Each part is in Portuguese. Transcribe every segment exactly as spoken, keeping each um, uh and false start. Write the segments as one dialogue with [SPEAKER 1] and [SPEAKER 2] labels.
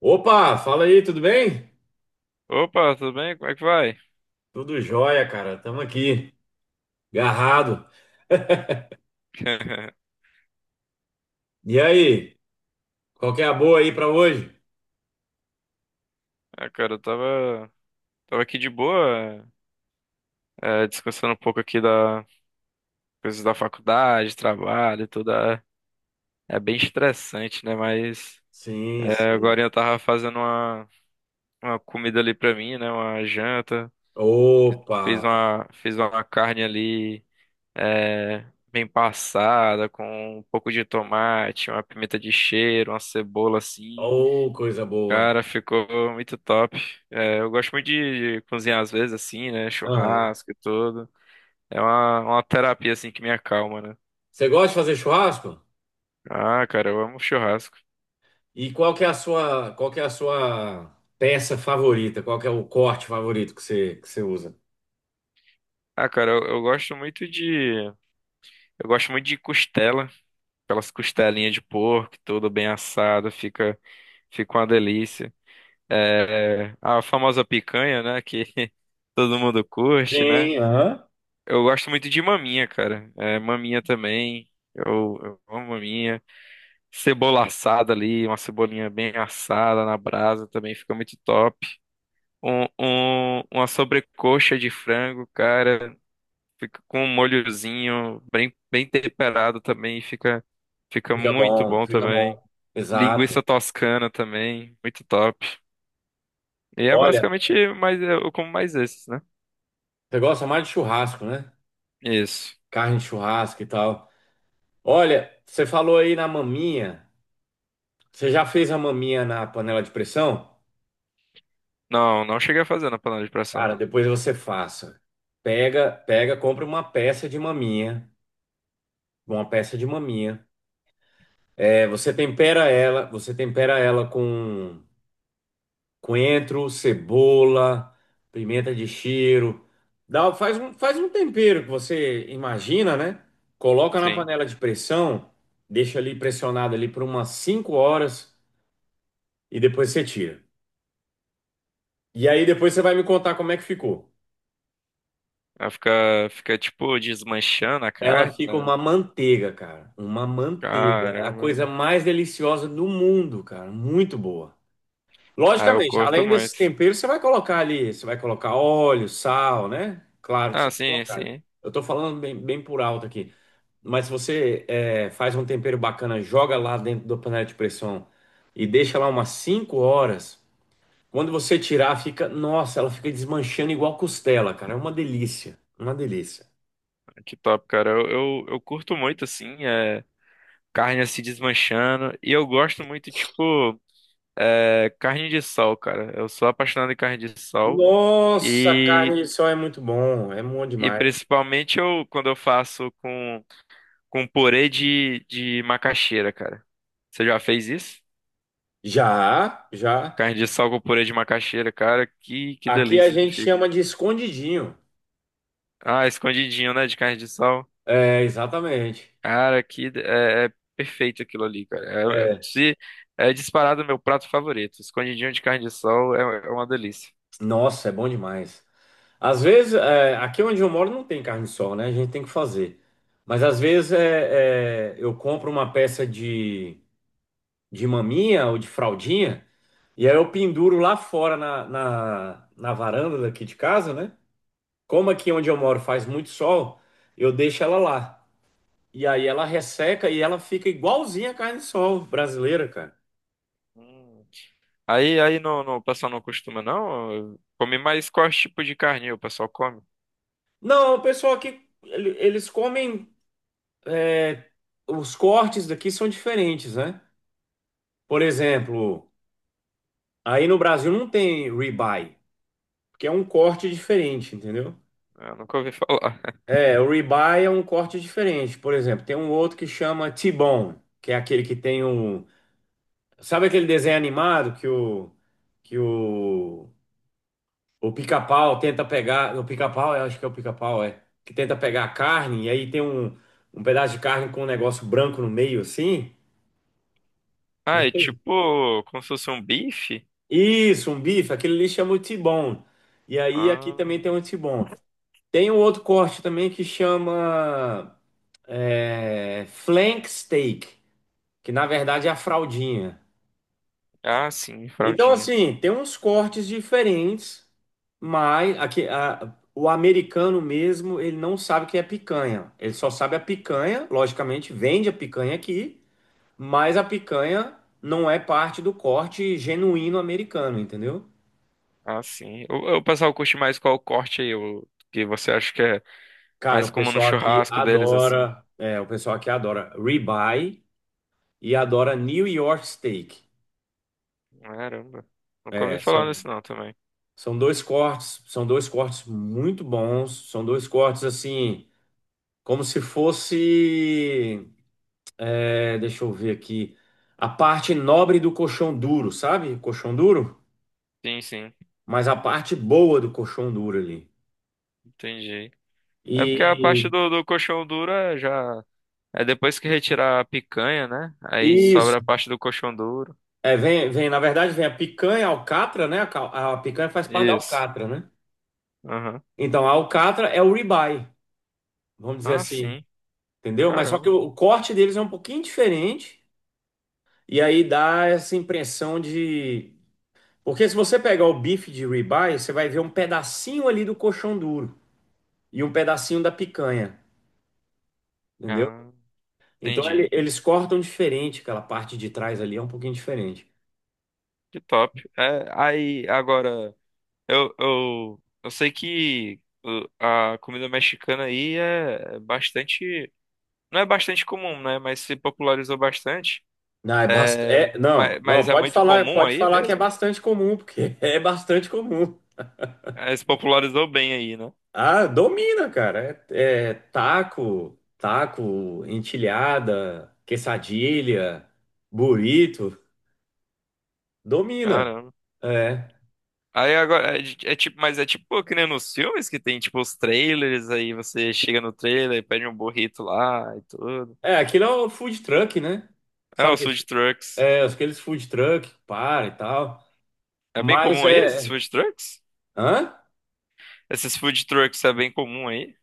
[SPEAKER 1] Opa, fala aí, tudo bem?
[SPEAKER 2] Opa, tudo bem? Como é que vai?
[SPEAKER 1] Tudo jóia, cara. Tamo aqui, garrado. E aí, qual que é a boa aí pra hoje?
[SPEAKER 2] Ah, cara, eu tava, tava aqui de boa, é, descansando um pouco aqui da coisas da faculdade, trabalho, e tudo. É é bem estressante, né? Mas
[SPEAKER 1] Sim,
[SPEAKER 2] é,
[SPEAKER 1] sim.
[SPEAKER 2] agora eu tava fazendo uma, uma comida ali pra mim, né? Uma janta.
[SPEAKER 1] Opa,
[SPEAKER 2] Fiz uma, fiz uma carne ali, é, bem passada, com um pouco de tomate, uma pimenta de cheiro, uma cebola assim.
[SPEAKER 1] oh, coisa boa.
[SPEAKER 2] Cara, ficou muito top. É, eu gosto muito de, de cozinhar às vezes, assim, né?
[SPEAKER 1] Aham.
[SPEAKER 2] Churrasco e tudo. É uma, uma terapia, assim, que me acalma, né?
[SPEAKER 1] Você gosta de fazer churrasco?
[SPEAKER 2] Ah, cara, eu amo churrasco.
[SPEAKER 1] E qual que é a sua, qual que é a sua peça favorita? Qual que é o corte favorito que você, que você usa?
[SPEAKER 2] Ah, cara, eu, eu gosto muito de. Eu gosto muito de costela. Aquelas costelinhas de porco, tudo bem assado, fica, fica uma delícia. É, a famosa picanha, né? Que todo mundo curte, né?
[SPEAKER 1] Sim, aham.
[SPEAKER 2] Eu gosto muito de maminha, cara. É, maminha também. Eu, eu amo maminha. Cebola assada ali, uma cebolinha bem assada na brasa também fica muito top. Um, um- uma sobrecoxa de frango, cara, fica com um molhozinho bem, bem temperado também, fica, fica
[SPEAKER 1] Fica
[SPEAKER 2] muito
[SPEAKER 1] bom,
[SPEAKER 2] bom
[SPEAKER 1] fica
[SPEAKER 2] também.
[SPEAKER 1] bom. Exato.
[SPEAKER 2] Linguiça toscana também, muito top. E é
[SPEAKER 1] Olha,
[SPEAKER 2] basicamente mais, é, eu como mais esses, né?
[SPEAKER 1] você gosta mais de churrasco, né?
[SPEAKER 2] Isso.
[SPEAKER 1] Carne de churrasco e tal. Olha, você falou aí na maminha. Você já fez a maminha na panela de pressão?
[SPEAKER 2] Não, não cheguei a fazer na panela de pressão.
[SPEAKER 1] Cara, depois você faça. Pega, pega, compra uma peça de maminha, uma peça de maminha. É, você tempera ela, você tempera ela com coentro, cebola, pimenta de cheiro. Dá, faz um, faz um tempero que você imagina, né? Coloca na
[SPEAKER 2] Sim.
[SPEAKER 1] panela de pressão, deixa ali pressionado ali por umas cinco horas e depois você tira. E aí depois você vai me contar como é que ficou.
[SPEAKER 2] Ela fica, fica tipo desmanchando a
[SPEAKER 1] Ela
[SPEAKER 2] carne,
[SPEAKER 1] fica
[SPEAKER 2] né?
[SPEAKER 1] uma manteiga, cara. Uma manteiga. A
[SPEAKER 2] Caramba.
[SPEAKER 1] coisa mais deliciosa do mundo, cara. Muito boa.
[SPEAKER 2] Aí eu
[SPEAKER 1] Logicamente,
[SPEAKER 2] corto
[SPEAKER 1] além desses
[SPEAKER 2] muito.
[SPEAKER 1] temperos, você vai colocar ali, você vai colocar óleo, sal, né? Claro que você
[SPEAKER 2] Ah,
[SPEAKER 1] vai
[SPEAKER 2] sim,
[SPEAKER 1] colocar.
[SPEAKER 2] sim.
[SPEAKER 1] Eu tô falando bem, bem por alto aqui. Mas se você é, faz um tempero bacana, joga lá dentro da panela de pressão e deixa lá umas cinco horas. Quando você tirar, fica. Nossa, ela fica desmanchando igual costela, cara. É uma delícia. Uma delícia.
[SPEAKER 2] Que top, cara. Eu, eu, eu curto muito, assim, é, carne se desmanchando. E eu gosto muito, tipo, é, carne de sol, cara. Eu sou apaixonado em carne de sol.
[SPEAKER 1] Nossa, carne
[SPEAKER 2] E,
[SPEAKER 1] de sol é muito bom, é bom
[SPEAKER 2] e
[SPEAKER 1] demais.
[SPEAKER 2] principalmente eu, quando eu faço com, com purê de, de macaxeira, cara. Você já fez isso?
[SPEAKER 1] Já, já.
[SPEAKER 2] Carne de sol com purê de macaxeira, cara. Que, que
[SPEAKER 1] Aqui a
[SPEAKER 2] delícia que
[SPEAKER 1] gente
[SPEAKER 2] fica.
[SPEAKER 1] chama de escondidinho.
[SPEAKER 2] Ah, escondidinho, né, de carne de sol.
[SPEAKER 1] É, exatamente.
[SPEAKER 2] Cara, que é, é perfeito aquilo ali, cara. É, é-
[SPEAKER 1] É.
[SPEAKER 2] se é disparado meu prato favorito. Escondidinho de carne de sol é, é uma delícia.
[SPEAKER 1] Nossa, é bom demais. Às vezes, é, aqui onde eu moro não tem carne de sol, né? A gente tem que fazer. Mas às vezes é, é, eu compro uma peça de, de maminha ou de fraldinha e aí eu penduro lá fora na, na, na varanda daqui de casa, né? Como aqui onde eu moro faz muito sol, eu deixo ela lá. E aí ela resseca e ela fica igualzinha a carne de sol brasileira, cara.
[SPEAKER 2] Hum. Aí, aí no, no- o pessoal não costuma, não? Come mais qual tipo de carne o pessoal come?
[SPEAKER 1] Não, o pessoal aqui, ele- eles comem, é, os cortes daqui são diferentes, né? Por exemplo, aí no Brasil não tem ribeye, porque é um corte diferente, entendeu?
[SPEAKER 2] Eu nunca ouvi falar.
[SPEAKER 1] É, o ribeye é um corte diferente. Por exemplo, tem um outro que chama T-bone, que é aquele que tem o... Sabe aquele desenho animado que o... que o... O pica-pau tenta pegar. O pica-pau, eu acho que é o pica-pau, é. Que tenta pegar a carne, e aí tem um, um pedaço de carne com um negócio branco no meio, assim. Não
[SPEAKER 2] Ah, é
[SPEAKER 1] sei.
[SPEAKER 2] tipo como se fosse um bife?
[SPEAKER 1] Isso, um bife, aquele ali chama o T-bone. E aí aqui
[SPEAKER 2] Ah,
[SPEAKER 1] também tem um T-bone. Tem um outro corte também que chama é, flank steak, que na verdade é a fraldinha.
[SPEAKER 2] ah, sim,
[SPEAKER 1] Então,
[SPEAKER 2] fraldinha.
[SPEAKER 1] assim, tem uns cortes diferentes, mas aqui, a- o americano mesmo, ele não sabe o que é picanha. Ele só sabe a picanha, logicamente, vende a picanha aqui, mas a picanha não é parte do corte genuíno americano, entendeu?
[SPEAKER 2] Ah, sim. O, o pessoal curte mais qual corte aí, o que você acha que é
[SPEAKER 1] Cara,
[SPEAKER 2] mais
[SPEAKER 1] o
[SPEAKER 2] como no
[SPEAKER 1] pessoal aqui
[SPEAKER 2] churrasco deles, assim?
[SPEAKER 1] adora, é, o pessoal aqui adora ribeye e adora New York Steak.
[SPEAKER 2] Caramba, nunca ouvi
[SPEAKER 1] É,
[SPEAKER 2] falar
[SPEAKER 1] são,
[SPEAKER 2] nisso não também.
[SPEAKER 1] são dois cortes, são dois cortes muito bons, são dois cortes assim. Como se fosse, é, deixa eu ver aqui, a parte nobre do colchão duro, sabe? Colchão duro,
[SPEAKER 2] Sim, sim,
[SPEAKER 1] mas a parte boa do colchão duro ali.
[SPEAKER 2] entendi. É porque a
[SPEAKER 1] E
[SPEAKER 2] parte do, do coxão duro é já. É depois que retirar a picanha, né? Aí
[SPEAKER 1] isso,
[SPEAKER 2] sobra a parte do coxão duro.
[SPEAKER 1] é, vem, vem, na verdade, vem a picanha, a alcatra, né? A, cal- a picanha faz parte da
[SPEAKER 2] Isso.
[SPEAKER 1] alcatra, né?
[SPEAKER 2] Aham.
[SPEAKER 1] Então, a alcatra é o ribeye, vamos dizer
[SPEAKER 2] Ah,
[SPEAKER 1] assim,
[SPEAKER 2] sim.
[SPEAKER 1] entendeu? Mas só que
[SPEAKER 2] Caramba.
[SPEAKER 1] o, o corte deles é um pouquinho diferente, e aí dá essa impressão de porque se você pegar o bife de ribeye, você vai ver um pedacinho ali do coxão duro e um pedacinho da picanha, entendeu?
[SPEAKER 2] Ah,
[SPEAKER 1] Então ele-
[SPEAKER 2] entendi.
[SPEAKER 1] eles cortam diferente, aquela parte de trás ali é um pouquinho diferente.
[SPEAKER 2] Que top. É, aí, agora, eu, eu, eu sei que o- a comida mexicana aí é é bastante. Não é bastante comum, né? Mas se popularizou bastante.
[SPEAKER 1] Não, é bastante. Não,
[SPEAKER 2] Mas,
[SPEAKER 1] não,
[SPEAKER 2] mas é
[SPEAKER 1] pode
[SPEAKER 2] muito
[SPEAKER 1] falar,
[SPEAKER 2] comum
[SPEAKER 1] pode
[SPEAKER 2] aí
[SPEAKER 1] falar que é
[SPEAKER 2] mesmo?
[SPEAKER 1] bastante comum, porque é bastante comum.
[SPEAKER 2] É, se popularizou bem aí, né?
[SPEAKER 1] Ah, domina, cara. É, é taco, taco, entilhada, quesadilha, burrito, domina.
[SPEAKER 2] Caramba.
[SPEAKER 1] É.
[SPEAKER 2] Aí agora, é, de- é tipo, mas é tipo que nem nos filmes que tem tipo os trailers, aí você chega no trailer, pede um burrito lá e tudo.
[SPEAKER 1] É, aquilo é o food truck, né?
[SPEAKER 2] É,
[SPEAKER 1] Sabe o
[SPEAKER 2] os
[SPEAKER 1] que
[SPEAKER 2] food trucks.
[SPEAKER 1] é, aqueles food truck, para e tal.
[SPEAKER 2] É bem
[SPEAKER 1] Mas
[SPEAKER 2] comum aí esses
[SPEAKER 1] é.
[SPEAKER 2] food trucks?
[SPEAKER 1] Hã?
[SPEAKER 2] Esses food trucks é bem comum aí?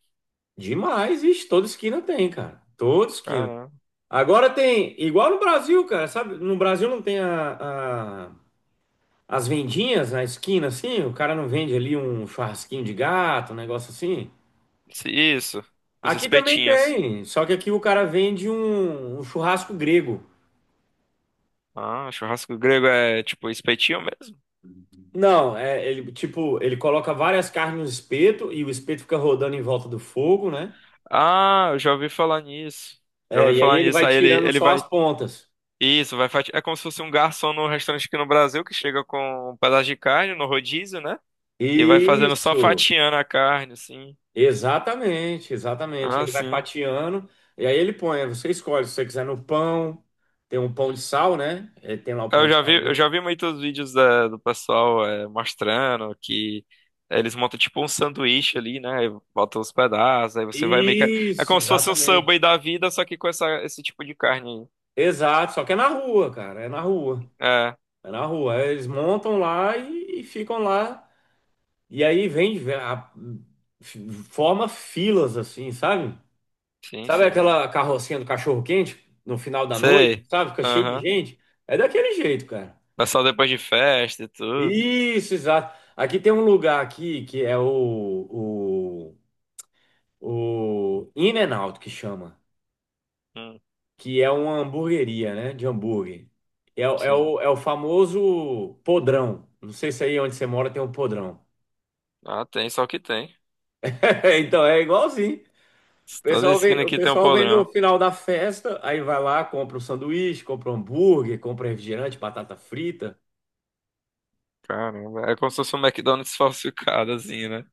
[SPEAKER 1] Demais, vixe, toda esquina tem, cara. Toda esquina.
[SPEAKER 2] Caramba.
[SPEAKER 1] Agora tem, igual no Brasil, cara, sabe? No Brasil não tem a, a- as vendinhas na esquina, assim? O cara não vende ali um churrasquinho de gato, um negócio assim?
[SPEAKER 2] Isso, isso. Os
[SPEAKER 1] Aqui também
[SPEAKER 2] espetinhos.
[SPEAKER 1] tem, só que aqui o cara vende um, um churrasco grego.
[SPEAKER 2] Ah, churrasco grego é tipo espetinho mesmo?
[SPEAKER 1] Não, é, ele, tipo, ele coloca várias carnes no espeto e o espeto fica rodando em volta do fogo, né?
[SPEAKER 2] Ah, eu já ouvi falar nisso. Já
[SPEAKER 1] É,
[SPEAKER 2] ouvi
[SPEAKER 1] e aí
[SPEAKER 2] falar
[SPEAKER 1] ele
[SPEAKER 2] nisso.
[SPEAKER 1] vai
[SPEAKER 2] Aí ele,
[SPEAKER 1] tirando
[SPEAKER 2] ele
[SPEAKER 1] só as
[SPEAKER 2] vai.
[SPEAKER 1] pontas.
[SPEAKER 2] Isso, vai fati... É como se fosse um garçom no restaurante aqui no Brasil que chega com um pedaço de carne no rodízio, né? E vai fazendo só
[SPEAKER 1] Isso,
[SPEAKER 2] fatiando a carne, assim.
[SPEAKER 1] exatamente, exatamente.
[SPEAKER 2] Ah,
[SPEAKER 1] Ele vai
[SPEAKER 2] sim.
[SPEAKER 1] fatiando e aí ele põe. Você escolhe se você quiser no pão, tem um pão de sal, né? Ele tem lá o pão
[SPEAKER 2] Eu
[SPEAKER 1] de
[SPEAKER 2] já vi,
[SPEAKER 1] sal
[SPEAKER 2] eu
[SPEAKER 1] dele.
[SPEAKER 2] já vi muitos vídeos da- do pessoal é, mostrando que eles montam tipo um sanduíche ali, né? E botam os pedaços, aí você vai meio que. É
[SPEAKER 1] Isso,
[SPEAKER 2] como se fosse um
[SPEAKER 1] exatamente.
[SPEAKER 2] Subway da vida, só que com essa, esse tipo de carne.
[SPEAKER 1] Exato, só que é na rua, cara, é na rua.
[SPEAKER 2] É,
[SPEAKER 1] É na rua. Aí eles montam lá e, e ficam lá. E aí vem, a- forma filas assim, sabe?
[SPEAKER 2] sim,
[SPEAKER 1] Sabe
[SPEAKER 2] sim.
[SPEAKER 1] aquela carrocinha do cachorro-quente no final da noite,
[SPEAKER 2] Sei.
[SPEAKER 1] sabe? Fica cheio de
[SPEAKER 2] Aham.
[SPEAKER 1] gente. É daquele jeito, cara.
[SPEAKER 2] Pessoal depois de festa e tudo.
[SPEAKER 1] Isso, exato. Aqui tem um lugar aqui que é o, o, o In and Out, que chama.
[SPEAKER 2] Hum,
[SPEAKER 1] Que é uma hamburgueria, né? De hambúrguer. É, o- é,
[SPEAKER 2] sim.
[SPEAKER 1] o, é o famoso podrão. Não sei se aí onde você mora tem um podrão.
[SPEAKER 2] Ah, tem, só que tem.
[SPEAKER 1] Então é igualzinho. O
[SPEAKER 2] Toda
[SPEAKER 1] pessoal
[SPEAKER 2] esquina
[SPEAKER 1] vem, o
[SPEAKER 2] aqui tem um
[SPEAKER 1] pessoal vem no
[SPEAKER 2] podrão.
[SPEAKER 1] final da festa, aí vai lá, compra o sanduíche, compra o hambúrguer, compra refrigerante, batata frita.
[SPEAKER 2] Caramba, é como se fosse um McDonald's falsificado, assim, né?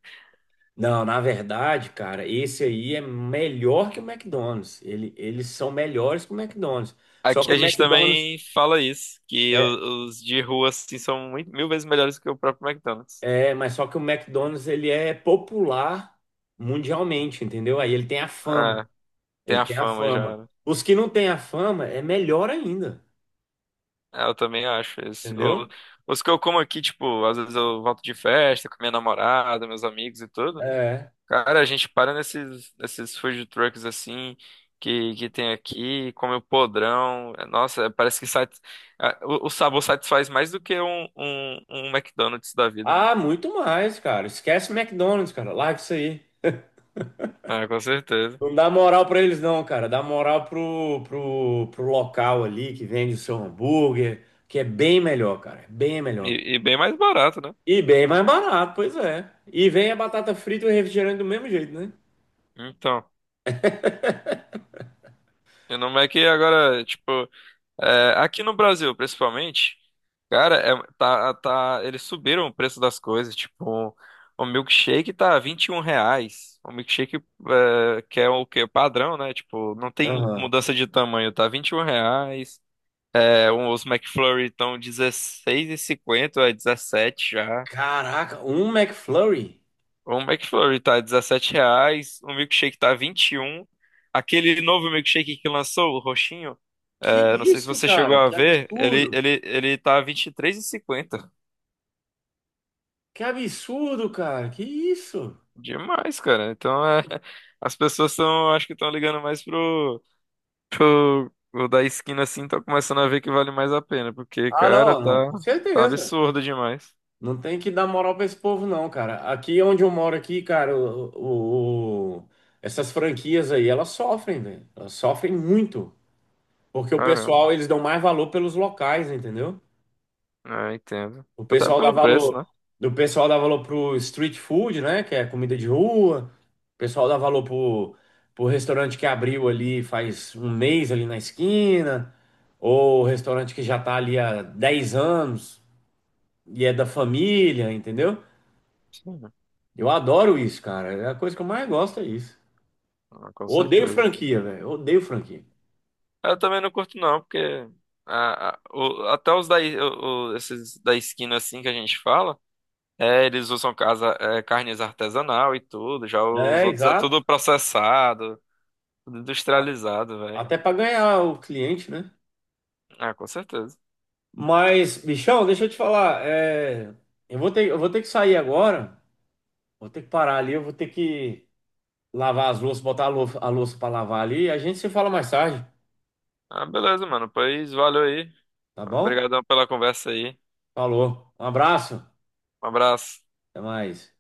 [SPEAKER 1] Não, na verdade, cara, esse aí é melhor que o McDonald's. Ele, eles são melhores que o McDonald's. Só
[SPEAKER 2] Aqui
[SPEAKER 1] que
[SPEAKER 2] a
[SPEAKER 1] o
[SPEAKER 2] gente
[SPEAKER 1] McDonald's
[SPEAKER 2] também fala isso, que o- os de rua assim são muito- mil vezes melhores que o próprio McDonald's.
[SPEAKER 1] é, é, mas só que o McDonald's ele é popular mundialmente, entendeu? Aí ele tem a fama.
[SPEAKER 2] É, tem
[SPEAKER 1] Ele
[SPEAKER 2] a
[SPEAKER 1] tem a
[SPEAKER 2] fama já,
[SPEAKER 1] fama.
[SPEAKER 2] né?
[SPEAKER 1] Os que não têm a fama é melhor ainda,
[SPEAKER 2] É, eu também acho isso. O-
[SPEAKER 1] entendeu?
[SPEAKER 2] os que eu como aqui, tipo, às vezes eu volto de festa com minha namorada, meus amigos e tudo.
[SPEAKER 1] É.
[SPEAKER 2] Cara, a gente para nesses, nesses food trucks assim que, que tem aqui, come o podrão. É, nossa, parece que sat... Ah, o, o sabor satisfaz mais do que um, um, um McDonald's da vida.
[SPEAKER 1] Ah, muito mais, cara. Esquece o McDonald's, cara. Larga isso aí.
[SPEAKER 2] Ah, com certeza.
[SPEAKER 1] Não dá moral pra eles, não, cara. Dá moral pro, pro, pro local ali que vende o seu hambúrguer, que é bem melhor, cara. É bem melhor.
[SPEAKER 2] E, e bem mais barato, né?
[SPEAKER 1] E bem mais barato, pois é. E vem a batata frita e o refrigerante do mesmo jeito, né?
[SPEAKER 2] Então, e não é que agora, tipo, é, aqui no Brasil, principalmente, cara, é, tá, tá, eles subiram o preço das coisas, tipo, o milkshake tá vinte e um reais, o milkshake é, que é o que, padrão, né, tipo, não tem
[SPEAKER 1] Aham.
[SPEAKER 2] mudança de tamanho, tá vinte e um reais, é, um- os McFlurry estão dezesseis e cinquenta é dezessete já,
[SPEAKER 1] Caraca, um McFlurry?
[SPEAKER 2] o McFlurry tá dezessete reais, o milkshake tá vinte e um aquele novo milkshake que lançou, o roxinho,
[SPEAKER 1] Que
[SPEAKER 2] eu não sei se
[SPEAKER 1] isso,
[SPEAKER 2] você chegou
[SPEAKER 1] cara?
[SPEAKER 2] a
[SPEAKER 1] Que
[SPEAKER 2] ver, ele,
[SPEAKER 1] absurdo.
[SPEAKER 2] ele, ele tá vinte e três e cinquenta.
[SPEAKER 1] Que absurdo, cara. Que isso?
[SPEAKER 2] Demais, cara. Então é, as pessoas estão, acho que estão ligando mais pro, pro o da esquina assim, tá começando a ver que vale mais a pena, porque,
[SPEAKER 1] Ah,
[SPEAKER 2] cara,
[SPEAKER 1] não, não,
[SPEAKER 2] tá,
[SPEAKER 1] com
[SPEAKER 2] tá
[SPEAKER 1] certeza.
[SPEAKER 2] absurdo demais.
[SPEAKER 1] Não tem que dar moral pra esse povo, não, cara. Aqui onde eu moro aqui, cara, o, o- o- essas franquias aí, elas sofrem, velho. Elas sofrem muito. Porque o
[SPEAKER 2] Caramba,
[SPEAKER 1] pessoal, eles dão mais valor pelos locais, entendeu?
[SPEAKER 2] é, entendo.
[SPEAKER 1] O
[SPEAKER 2] Até
[SPEAKER 1] pessoal dá
[SPEAKER 2] pelo preço,
[SPEAKER 1] valor.
[SPEAKER 2] né?
[SPEAKER 1] Do pessoal dá valor pro street food, né? Que é comida de rua. O pessoal dá valor pro, pro restaurante que abriu ali faz um mês ali na esquina. Ou o restaurante que já tá ali há dez anos e é da família, entendeu?
[SPEAKER 2] Sim,
[SPEAKER 1] Eu adoro isso, cara. É a coisa que eu mais gosto é isso.
[SPEAKER 2] ah, com
[SPEAKER 1] Odeio
[SPEAKER 2] certeza.
[SPEAKER 1] franquia, velho. Odeio franquia.
[SPEAKER 2] Eu também não curto não, porque a, a- o- até os da, i- o- o- esses da esquina assim que a gente fala. É, eles usam casa, é, carnes artesanal e tudo. Já os
[SPEAKER 1] É,
[SPEAKER 2] outros é
[SPEAKER 1] exato.
[SPEAKER 2] tudo processado, tudo industrializado, velho.
[SPEAKER 1] Até para ganhar o cliente, né?
[SPEAKER 2] Ah, com certeza.
[SPEAKER 1] Mas, bichão, deixa eu te falar. é, Eu vou ter, eu vou ter que sair agora. Vou ter que parar ali. Eu vou ter que lavar as louças, botar a louça, a louça para lavar ali. A gente se fala mais tarde,
[SPEAKER 2] Ah, beleza, mano. Pois valeu aí.
[SPEAKER 1] tá bom?
[SPEAKER 2] Obrigadão pela conversa aí.
[SPEAKER 1] Falou. Um abraço.
[SPEAKER 2] Um abraço.
[SPEAKER 1] Até mais.